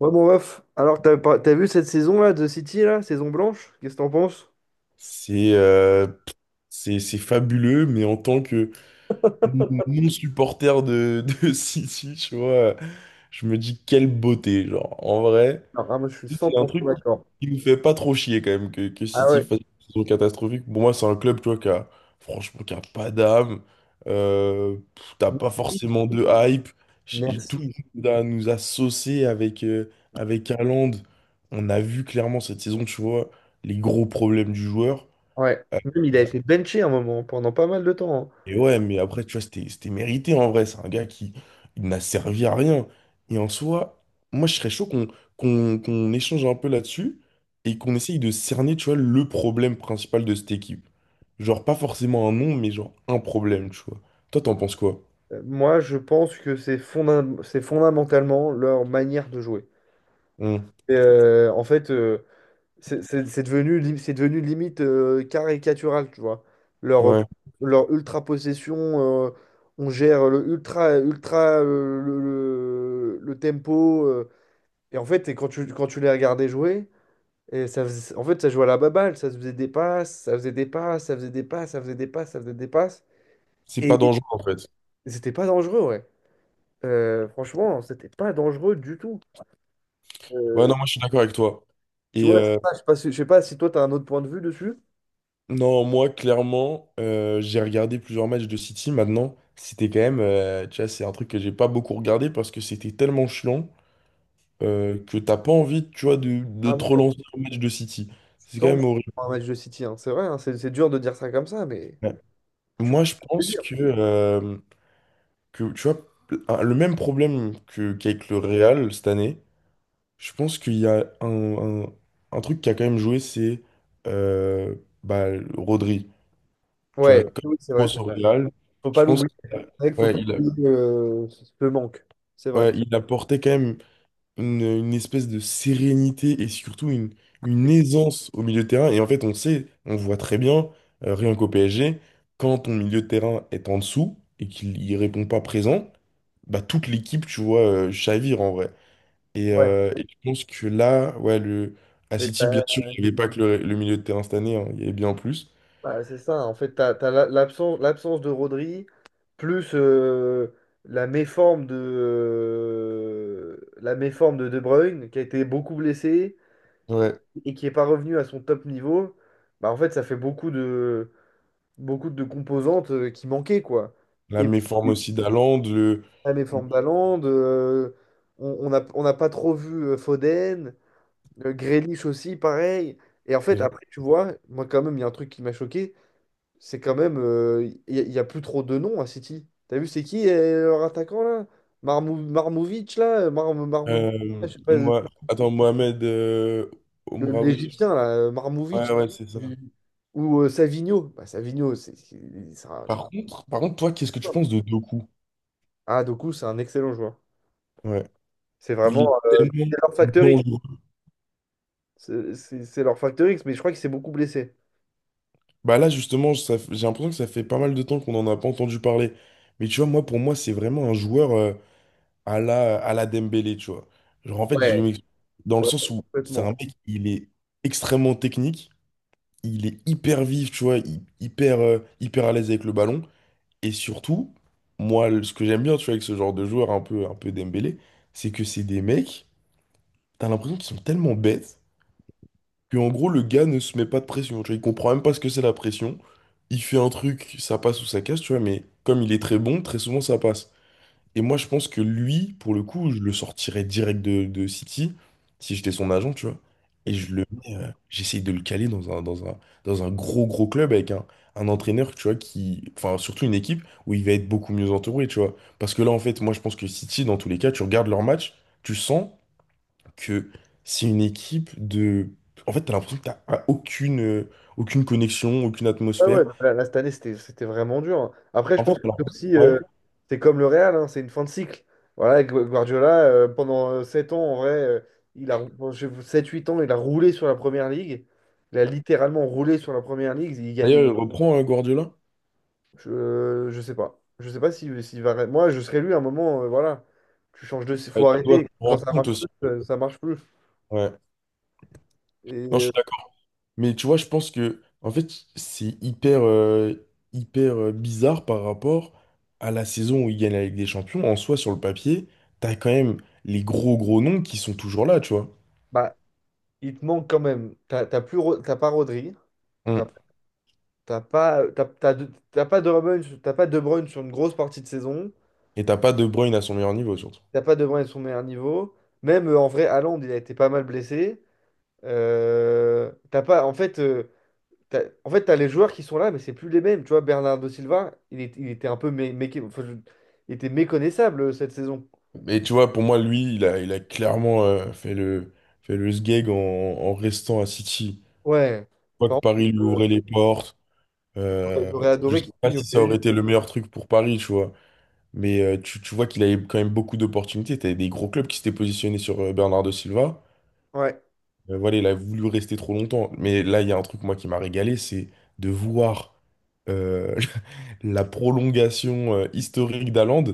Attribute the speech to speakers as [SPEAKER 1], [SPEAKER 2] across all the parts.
[SPEAKER 1] Ouais, bon, bref. Alors, t'as pas- t'as vu cette saison-là de City, là, saison blanche? Qu'est-ce que t'en penses?
[SPEAKER 2] C'est euh, c'est fabuleux, mais en tant que non-supporter de City, tu vois, je me dis quelle beauté, genre, en vrai.
[SPEAKER 1] Alors, ah, moi, je suis cent
[SPEAKER 2] C'est un
[SPEAKER 1] pour cent
[SPEAKER 2] truc
[SPEAKER 1] d'accord.
[SPEAKER 2] qui nous fait pas trop chier quand même que
[SPEAKER 1] Ah
[SPEAKER 2] City
[SPEAKER 1] ouais,
[SPEAKER 2] fasse une saison catastrophique. Pour moi, c'est un club, tu vois, qui a, franchement, qui a pas d'âme. T'as pas
[SPEAKER 1] merci.
[SPEAKER 2] forcément de hype. Tout
[SPEAKER 1] Merci.
[SPEAKER 2] le monde nous a saucé avec, avec Haaland. On a vu clairement cette saison, tu vois, les gros problèmes du joueur.
[SPEAKER 1] Ouais.
[SPEAKER 2] Euh,
[SPEAKER 1] Même, il a
[SPEAKER 2] euh,
[SPEAKER 1] été benché un moment, pendant pas mal de temps, hein.
[SPEAKER 2] Et ouais, mais après, tu vois, c'était mérité en vrai. C'est un gars qui il n'a servi à rien. Et en soi, moi, je serais chaud qu'on échange un peu là-dessus et qu'on essaye de cerner, tu vois, le problème principal de cette équipe. Genre, pas forcément un nom, mais genre un problème, tu vois. Toi, t'en penses quoi?
[SPEAKER 1] Moi, je pense que c'est c'est fondamentalement leur manière de jouer.
[SPEAKER 2] Hmm.
[SPEAKER 1] Et, en fait, c'est devenu, c'est devenu limite caricatural, tu vois. Leur,
[SPEAKER 2] Ouais,
[SPEAKER 1] leur ultra-possession, euh, on gère le ultra, ultra, le tempo. Et en fait, et quand tu les regardais jouer, et en fait, ça jouait à la baballe, ça se faisait des passes, ça faisait des passes, ça faisait des passes, ça faisait des passes, ça faisait des passes.
[SPEAKER 2] c'est
[SPEAKER 1] Et
[SPEAKER 2] pas dangereux en fait.
[SPEAKER 1] c'était pas dangereux, ouais. Franchement, c'était pas dangereux du tout.
[SPEAKER 2] Ouais,
[SPEAKER 1] Euh,
[SPEAKER 2] non, moi, je suis d'accord avec toi.
[SPEAKER 1] Tu
[SPEAKER 2] Et,
[SPEAKER 1] vois, c'est
[SPEAKER 2] euh,
[SPEAKER 1] ça, je sais pas si toi, tu as un autre point de vue dessus.
[SPEAKER 2] Non, moi, clairement, j'ai regardé plusieurs matchs de City. Maintenant, c'était quand même, tu vois, c'est un truc que j'ai pas beaucoup regardé parce que c'était tellement chiant que t'as pas envie, tu vois, de
[SPEAKER 1] Ah
[SPEAKER 2] te
[SPEAKER 1] ouais,
[SPEAKER 2] relancer un match de City. C'est quand
[SPEAKER 1] tant mieux
[SPEAKER 2] même horrible.
[SPEAKER 1] pour un match de City, hein. C'est vrai, hein, c'est dur de dire ça comme ça, mais
[SPEAKER 2] Ouais.
[SPEAKER 1] tu
[SPEAKER 2] Moi,
[SPEAKER 1] peux
[SPEAKER 2] je
[SPEAKER 1] le
[SPEAKER 2] pense
[SPEAKER 1] dire.
[SPEAKER 2] que tu vois, le même problème qu'avec le Real cette année, je pense qu'il y a un truc qui a quand même joué, c'est euh, bah, Rodri. Tu vois,
[SPEAKER 1] Ouais,
[SPEAKER 2] comme
[SPEAKER 1] oui, c'est vrai, c'est
[SPEAKER 2] grosse au
[SPEAKER 1] vrai.
[SPEAKER 2] Real,
[SPEAKER 1] Faut
[SPEAKER 2] je
[SPEAKER 1] pas
[SPEAKER 2] pense.
[SPEAKER 1] l'oublier. C'est vrai qu'il faut
[SPEAKER 2] Ouais,
[SPEAKER 1] pas
[SPEAKER 2] il a-
[SPEAKER 1] oublier ce manque. C'est vrai.
[SPEAKER 2] Ouais, il apportait quand même une espèce de sérénité et surtout une aisance au milieu de terrain. Et en fait, on sait, on voit très bien, rien qu'au PSG, quand ton milieu de terrain est en dessous et qu'il y répond pas présent, bah toute l'équipe, tu vois, chavire en vrai.
[SPEAKER 1] Ouais.
[SPEAKER 2] Et je pense que là, ouais, à
[SPEAKER 1] Mais
[SPEAKER 2] City, bien
[SPEAKER 1] t'as-
[SPEAKER 2] sûr, il n'y avait pas que le milieu de terrain cette année, hein, il y avait bien plus.
[SPEAKER 1] Bah, c'est ça, en fait, l'absence, l'absence de Rodri, plus la méforme de De Bruyne, qui a été beaucoup blessé
[SPEAKER 2] Ouais.
[SPEAKER 1] et qui n'est pas revenu à son top niveau, bah, en fait, ça fait beaucoup de composantes qui manquaient, quoi.
[SPEAKER 2] La
[SPEAKER 1] Et
[SPEAKER 2] méforme
[SPEAKER 1] puis,
[SPEAKER 2] aussi d'Haaland,
[SPEAKER 1] la
[SPEAKER 2] le-
[SPEAKER 1] méforme d'Haaland, on n'a pas trop vu Foden, Grealish aussi, pareil. Et en
[SPEAKER 2] c'est
[SPEAKER 1] fait,
[SPEAKER 2] vrai.
[SPEAKER 1] après, tu vois, moi, quand même, il y a un truc qui m'a choqué, c'est quand même. Y a plus trop de noms à City. T'as vu, c'est qui leur attaquant là? Marmou Marmovic là? Je sais pas,
[SPEAKER 2] Moi, attends,
[SPEAKER 1] l'Égyptien là,
[SPEAKER 2] Ouais,
[SPEAKER 1] Marmovic.
[SPEAKER 2] ouais, c'est ça.
[SPEAKER 1] Ou Savigno. Bah, Savigno, c'est un.
[SPEAKER 2] Par contre, toi, qu'est-ce que tu penses de Doku?
[SPEAKER 1] Ah, Doku, c'est un excellent joueur.
[SPEAKER 2] Ouais.
[SPEAKER 1] C'est
[SPEAKER 2] Il
[SPEAKER 1] vraiment.
[SPEAKER 2] est tellement
[SPEAKER 1] C'est leur facteur X.
[SPEAKER 2] dangereux.
[SPEAKER 1] C'est leur facteur X, mais je crois qu'il s'est beaucoup blessé.
[SPEAKER 2] Bah là, justement, j'ai l'impression que ça fait pas mal de temps qu'on n'en a pas entendu parler. Mais tu vois, moi, pour moi, c'est vraiment un joueur à à la Dembélé, tu vois. Genre, en fait, je
[SPEAKER 1] Ouais,
[SPEAKER 2] m'explique. Dans le
[SPEAKER 1] Ouais,
[SPEAKER 2] sens où c'est un
[SPEAKER 1] complètement.
[SPEAKER 2] mec, il est extrêmement technique, il est hyper vif, tu vois, hyper, hyper à l'aise avec le ballon. Et surtout, moi, ce que j'aime bien, tu vois, avec ce genre de joueur un peu Dembélé, c'est que c'est des mecs. T'as l'impression qu'ils sont tellement bêtes que en gros le gars ne se met pas de pression. Tu vois, il comprend même pas ce que c'est la pression. Il fait un truc, ça passe ou ça casse, tu vois, mais comme il est très bon, très souvent ça passe. Et moi je pense que lui, pour le coup, je le sortirais direct de City, si j'étais son agent, tu vois.
[SPEAKER 1] Et
[SPEAKER 2] Et
[SPEAKER 1] tu
[SPEAKER 2] je le mets, j'essaye de le caler dans un gros gros club avec un entraîneur, tu vois, qui. Enfin, surtout une équipe où il va être beaucoup mieux entouré, tu vois. Parce que là, en fait, moi je pense que City, dans tous les cas, tu regardes leur match, tu sens que c'est une équipe de... En fait, t'as l'impression que t'as aucune, aucune connexion, aucune
[SPEAKER 1] Ouais, ouais,
[SPEAKER 2] atmosphère.
[SPEAKER 1] là, là, cette année, c'était vraiment dur, hein. Après, je
[SPEAKER 2] En fait,
[SPEAKER 1] pense que
[SPEAKER 2] t'as
[SPEAKER 1] c'est aussi,
[SPEAKER 2] ouais.
[SPEAKER 1] c'est comme le Real, hein, c'est une fin de cycle. Voilà, Guardiola, pendant 7 ans, en vrai, il a, sept huit ans, il a roulé sur la première ligue. Il a littéralement roulé sur la première ligue. Il gagnait.
[SPEAKER 2] D'ailleurs, reprends Guardiola.
[SPEAKER 1] Je sais pas. Je sais pas si, s'il va. Moi, je serais lui à un moment, voilà. Tu changes de. Faut
[SPEAKER 2] Tu dois te
[SPEAKER 1] arrêter. Quand
[SPEAKER 2] rendre
[SPEAKER 1] ça
[SPEAKER 2] compte
[SPEAKER 1] marche
[SPEAKER 2] aussi.
[SPEAKER 1] plus, ça marche plus.
[SPEAKER 2] Ouais.
[SPEAKER 1] Et
[SPEAKER 2] Non, je suis d'accord. Mais tu vois, je pense que, en fait, c'est hyper, hyper bizarre par rapport à la saison où ils gagnent la Ligue des Champions. En soi, sur le papier, t'as quand même les gros, gros noms qui sont toujours là, tu vois.
[SPEAKER 1] bah, il te manque quand même. T'as pas Rodri.
[SPEAKER 2] Mm.
[SPEAKER 1] T'as pas De Bruyne, t'as pas De Bruyne sur une grosse partie de saison.
[SPEAKER 2] Et t'as pas De Bruyne à son meilleur niveau, surtout.
[SPEAKER 1] T'as pas De Bruyne à son meilleur niveau. Même en vrai, Haaland, il a été pas mal blessé. T'as pas, en fait, t'as, en fait, t'as les joueurs qui sont là, mais c'est plus les mêmes. Tu vois, Bernardo Silva, il était un peu il était méconnaissable cette saison.
[SPEAKER 2] Mais tu vois, pour moi, lui, il a clairement fait fait le sgeg en restant à City.
[SPEAKER 1] Ouais.
[SPEAKER 2] Je crois que
[SPEAKER 1] Par contre,
[SPEAKER 2] Paris lui
[SPEAKER 1] euh,
[SPEAKER 2] ouvrait les portes. Euh,
[SPEAKER 1] j'aurais
[SPEAKER 2] je
[SPEAKER 1] adoré
[SPEAKER 2] sais
[SPEAKER 1] qu'il
[SPEAKER 2] pas
[SPEAKER 1] signe au
[SPEAKER 2] si ça aurait
[SPEAKER 1] PSG.
[SPEAKER 2] été le meilleur truc pour Paris, tu vois. Mais tu vois qu'il avait quand même beaucoup d'opportunités. T'avais des gros clubs qui s'étaient positionnés sur Bernardo Silva.
[SPEAKER 1] Ouais.
[SPEAKER 2] Voilà, il a voulu rester trop longtemps. Mais là, il y a un truc, moi, qui m'a régalé, c'est de voir euh, la prolongation historique d'Haaland.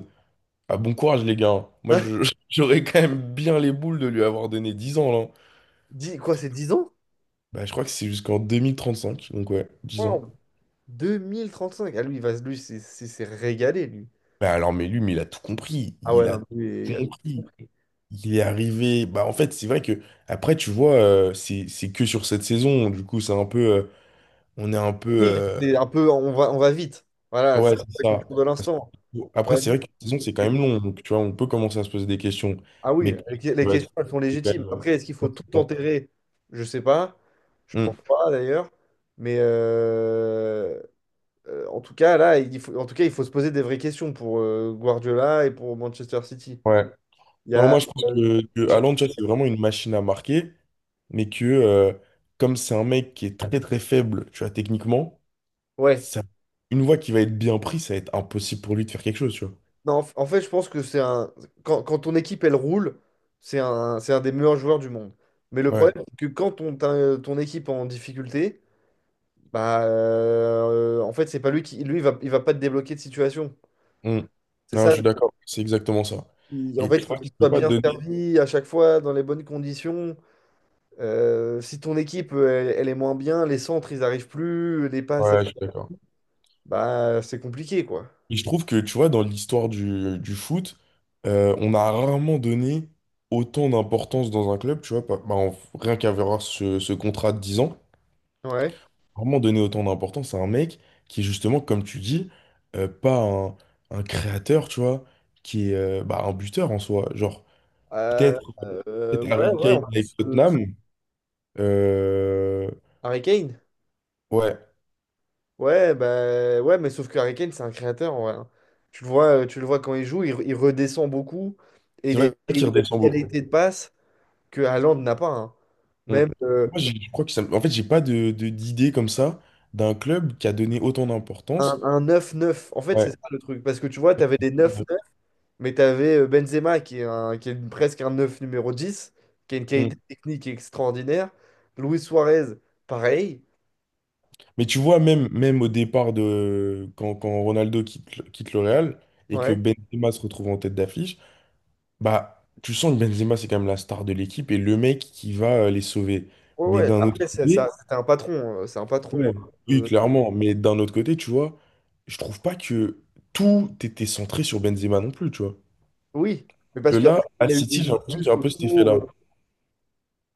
[SPEAKER 2] Ah, bon courage, les gars, hein. Moi, j'aurais quand même bien les boules de lui avoir donné 10 ans, là.
[SPEAKER 1] Dix- quoi, c'est 10 ans?
[SPEAKER 2] Bah, je crois que c'est jusqu'en 2035, donc ouais, 10 ans.
[SPEAKER 1] Wow. 2035. Ah, lui, il va, lui, c'est régalé, lui.
[SPEAKER 2] Bah, alors, mais lui, mais il a tout compris.
[SPEAKER 1] Ah ouais,
[SPEAKER 2] Il a
[SPEAKER 1] non, lui,
[SPEAKER 2] tout
[SPEAKER 1] il a
[SPEAKER 2] compris. Il est arrivé. Bah, en fait, c'est vrai que, après, tu vois, c'est que sur cette saison. Du coup, c'est un peu. On est un peu.
[SPEAKER 1] Oui, c'est un peu, on va vite. Voilà, c'est
[SPEAKER 2] Ouais,
[SPEAKER 1] un
[SPEAKER 2] c'est
[SPEAKER 1] peu la
[SPEAKER 2] ça.
[SPEAKER 1] culture de
[SPEAKER 2] Parce
[SPEAKER 1] l'instant. On
[SPEAKER 2] Après,
[SPEAKER 1] va
[SPEAKER 2] c'est vrai
[SPEAKER 1] vite.
[SPEAKER 2] que la saison, c'est quand même long. Donc, tu vois, on peut commencer à se poser des questions.
[SPEAKER 1] Ah oui,
[SPEAKER 2] Mais,
[SPEAKER 1] les
[SPEAKER 2] ouais,
[SPEAKER 1] questions, elles sont
[SPEAKER 2] c'est quand
[SPEAKER 1] légitimes.
[SPEAKER 2] même.
[SPEAKER 1] Après, est-ce qu'il faut
[SPEAKER 2] Ouais,
[SPEAKER 1] tout
[SPEAKER 2] c'est ça.
[SPEAKER 1] enterrer? Je sais pas. Je
[SPEAKER 2] Hmm,
[SPEAKER 1] pense pas d'ailleurs. Mais en tout cas, là, il faut, en tout cas, il faut se poser des vraies questions pour Guardiola et pour Manchester City.
[SPEAKER 2] ouais.
[SPEAKER 1] Il y
[SPEAKER 2] Non,
[SPEAKER 1] a,
[SPEAKER 2] moi je pense
[SPEAKER 1] euh,
[SPEAKER 2] que Haaland, tu vois, c'est vraiment une machine à marquer, mais que comme c'est un mec qui est très très faible, tu vois, techniquement,
[SPEAKER 1] ouais.
[SPEAKER 2] ça, une fois qu'il va être bien pris, ça va être impossible pour lui de faire quelque chose, tu vois.
[SPEAKER 1] Non, en fait, je pense que c'est un. Quand ton équipe, elle roule, c'est un des meilleurs joueurs du monde. Mais le problème,
[SPEAKER 2] Ouais.
[SPEAKER 1] c'est que quand ton équipe est en difficulté, bah, en fait, c'est pas lui qui. Lui, il va pas te débloquer de situation.
[SPEAKER 2] Mm.
[SPEAKER 1] C'est
[SPEAKER 2] Non, je
[SPEAKER 1] ça. Le-
[SPEAKER 2] suis d'accord, c'est exactement ça.
[SPEAKER 1] il- En
[SPEAKER 2] Et
[SPEAKER 1] fait,
[SPEAKER 2] tu
[SPEAKER 1] il faut
[SPEAKER 2] vois,
[SPEAKER 1] qu'il
[SPEAKER 2] tu peux
[SPEAKER 1] soit
[SPEAKER 2] pas te
[SPEAKER 1] bien
[SPEAKER 2] donner.
[SPEAKER 1] servi à chaque fois, dans les bonnes conditions. Si ton équipe, elle est moins bien, les centres, ils arrivent plus,
[SPEAKER 2] Ouais, je suis d'accord.
[SPEAKER 1] bah, c'est compliqué, quoi.
[SPEAKER 2] Et je trouve que, tu vois, dans l'histoire du foot, on a rarement donné autant d'importance dans un club, tu vois, rien qu'à voir ce contrat de 10 ans.
[SPEAKER 1] Ouais.
[SPEAKER 2] Vraiment donner autant d'importance à un mec qui est justement, comme tu dis, pas un, un créateur, tu vois, qui est un buteur en soi. Genre,
[SPEAKER 1] Euh,
[SPEAKER 2] peut-être
[SPEAKER 1] euh,
[SPEAKER 2] peut-être
[SPEAKER 1] ouais,
[SPEAKER 2] Harry
[SPEAKER 1] ouais. en
[SPEAKER 2] Kane avec
[SPEAKER 1] plus,
[SPEAKER 2] Tottenham. euh,
[SPEAKER 1] Harry Kane.
[SPEAKER 2] ouais,
[SPEAKER 1] Ouais, bah, ouais, mais sauf que Harry Kane, c'est un créateur, en vrai, hein. Tu le vois quand il joue, il redescend beaucoup et
[SPEAKER 2] c'est
[SPEAKER 1] et
[SPEAKER 2] vrai
[SPEAKER 1] il
[SPEAKER 2] qu'il
[SPEAKER 1] a une
[SPEAKER 2] redescend beaucoup.
[SPEAKER 1] qualité de passe que Haaland n'a pas, hein.
[SPEAKER 2] Mm.
[SPEAKER 1] Même
[SPEAKER 2] Je crois que ça... En fait, j'ai pas d'idée comme ça d'un club qui a donné autant d'importance.
[SPEAKER 1] un neuf neuf en fait, c'est
[SPEAKER 2] Ouais.
[SPEAKER 1] ça le truc. Parce que tu vois, tu avais des neuf neuf mais tu avais Benzema presque un 9 numéro 10 qui a une
[SPEAKER 2] Mm.
[SPEAKER 1] qualité technique extraordinaire. Luis Suarez, pareil.
[SPEAKER 2] Mais tu vois, même, même au départ de quand Ronaldo quitte, quitte le Real et que
[SPEAKER 1] Ouais.
[SPEAKER 2] Benzema se retrouve en tête d'affiche, bah, tu sens que Benzema, c'est quand même la star de l'équipe et le mec qui va les sauver.
[SPEAKER 1] Ouais,
[SPEAKER 2] Mais
[SPEAKER 1] ouais.
[SPEAKER 2] d'un autre
[SPEAKER 1] Après, c'est ça,
[SPEAKER 2] côté,
[SPEAKER 1] c'était un patron. C'est un patron.
[SPEAKER 2] ouais, oui,
[SPEAKER 1] euh,
[SPEAKER 2] clairement. Mais d'un autre côté, tu vois, je trouve pas que tout était centré sur Benzema non plus, tu vois.
[SPEAKER 1] oui. Mais
[SPEAKER 2] Que
[SPEAKER 1] parce
[SPEAKER 2] là,
[SPEAKER 1] qu'après,
[SPEAKER 2] à
[SPEAKER 1] il a eu des
[SPEAKER 2] City, j'ai l'impression qu'il y a
[SPEAKER 1] discussions
[SPEAKER 2] un peu cet
[SPEAKER 1] autour.
[SPEAKER 2] effet-là.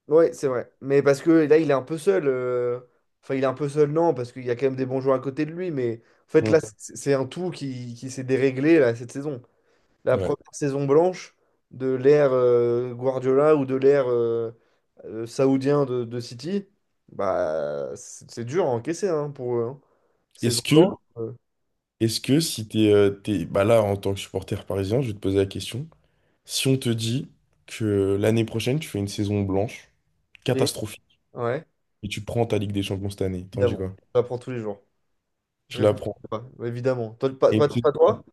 [SPEAKER 1] Ouais, c'est vrai. Mais parce que là, il est un peu seul. Enfin, il est un peu seul, non, parce qu'il y a quand même des bons joueurs à côté de lui. Mais en fait, là,
[SPEAKER 2] Mm.
[SPEAKER 1] c'est un tout qui s'est déréglé là, cette saison. La
[SPEAKER 2] Ouais.
[SPEAKER 1] première saison blanche de l'ère Guardiola ou de l'ère saoudien de City, bah, c'est dur à encaisser hein, pour eux, hein. Saison
[SPEAKER 2] Est-ce
[SPEAKER 1] blanche.
[SPEAKER 2] que, est-ce que si bah là, en tant que supporter parisien, je vais te poser la question. Si on te dit que l'année prochaine, tu fais une saison blanche,
[SPEAKER 1] Et,
[SPEAKER 2] catastrophique,
[SPEAKER 1] ouais,
[SPEAKER 2] et tu prends ta Ligue des Champions cette année, t'en dis
[SPEAKER 1] évidemment.
[SPEAKER 2] quoi?
[SPEAKER 1] J'apprends tous les jours. Je
[SPEAKER 2] Tu la
[SPEAKER 1] réfléchis
[SPEAKER 2] prends.
[SPEAKER 1] pas, évidemment. Toi,
[SPEAKER 2] Et
[SPEAKER 1] pas toi?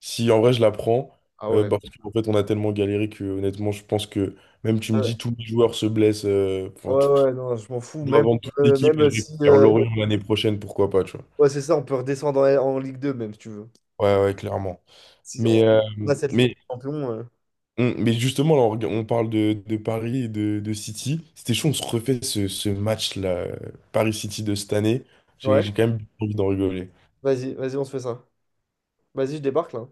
[SPEAKER 2] Si en vrai je la prends,
[SPEAKER 1] Ah ouais.
[SPEAKER 2] bah, parce qu'en fait on a tellement galéré que honnêtement je pense que même tu me dis tous les joueurs se blessent,
[SPEAKER 1] Ouais, ouais, non, je m'en fous.
[SPEAKER 2] on doit
[SPEAKER 1] Même,
[SPEAKER 2] vendre toute l'équipe et
[SPEAKER 1] même
[SPEAKER 2] je vais
[SPEAKER 1] si.
[SPEAKER 2] faire Lorient l'année prochaine, pourquoi pas, tu vois.
[SPEAKER 1] Ouais, c'est ça, on peut redescendre en, en Ligue 2, même si tu veux.
[SPEAKER 2] Ouais, ouais, clairement.
[SPEAKER 1] Si on
[SPEAKER 2] Mais, euh,
[SPEAKER 1] on a cette Ligue
[SPEAKER 2] mais,
[SPEAKER 1] des Champions.
[SPEAKER 2] mais justement, là, on parle de Paris et de City. C'était chaud, on se refait ce match-là, Paris-City de cette année.
[SPEAKER 1] Ouais,
[SPEAKER 2] J'ai quand même envie d'en rigoler.
[SPEAKER 1] vas-y, vas-y, on se fait ça. Vas-y, je débarque là.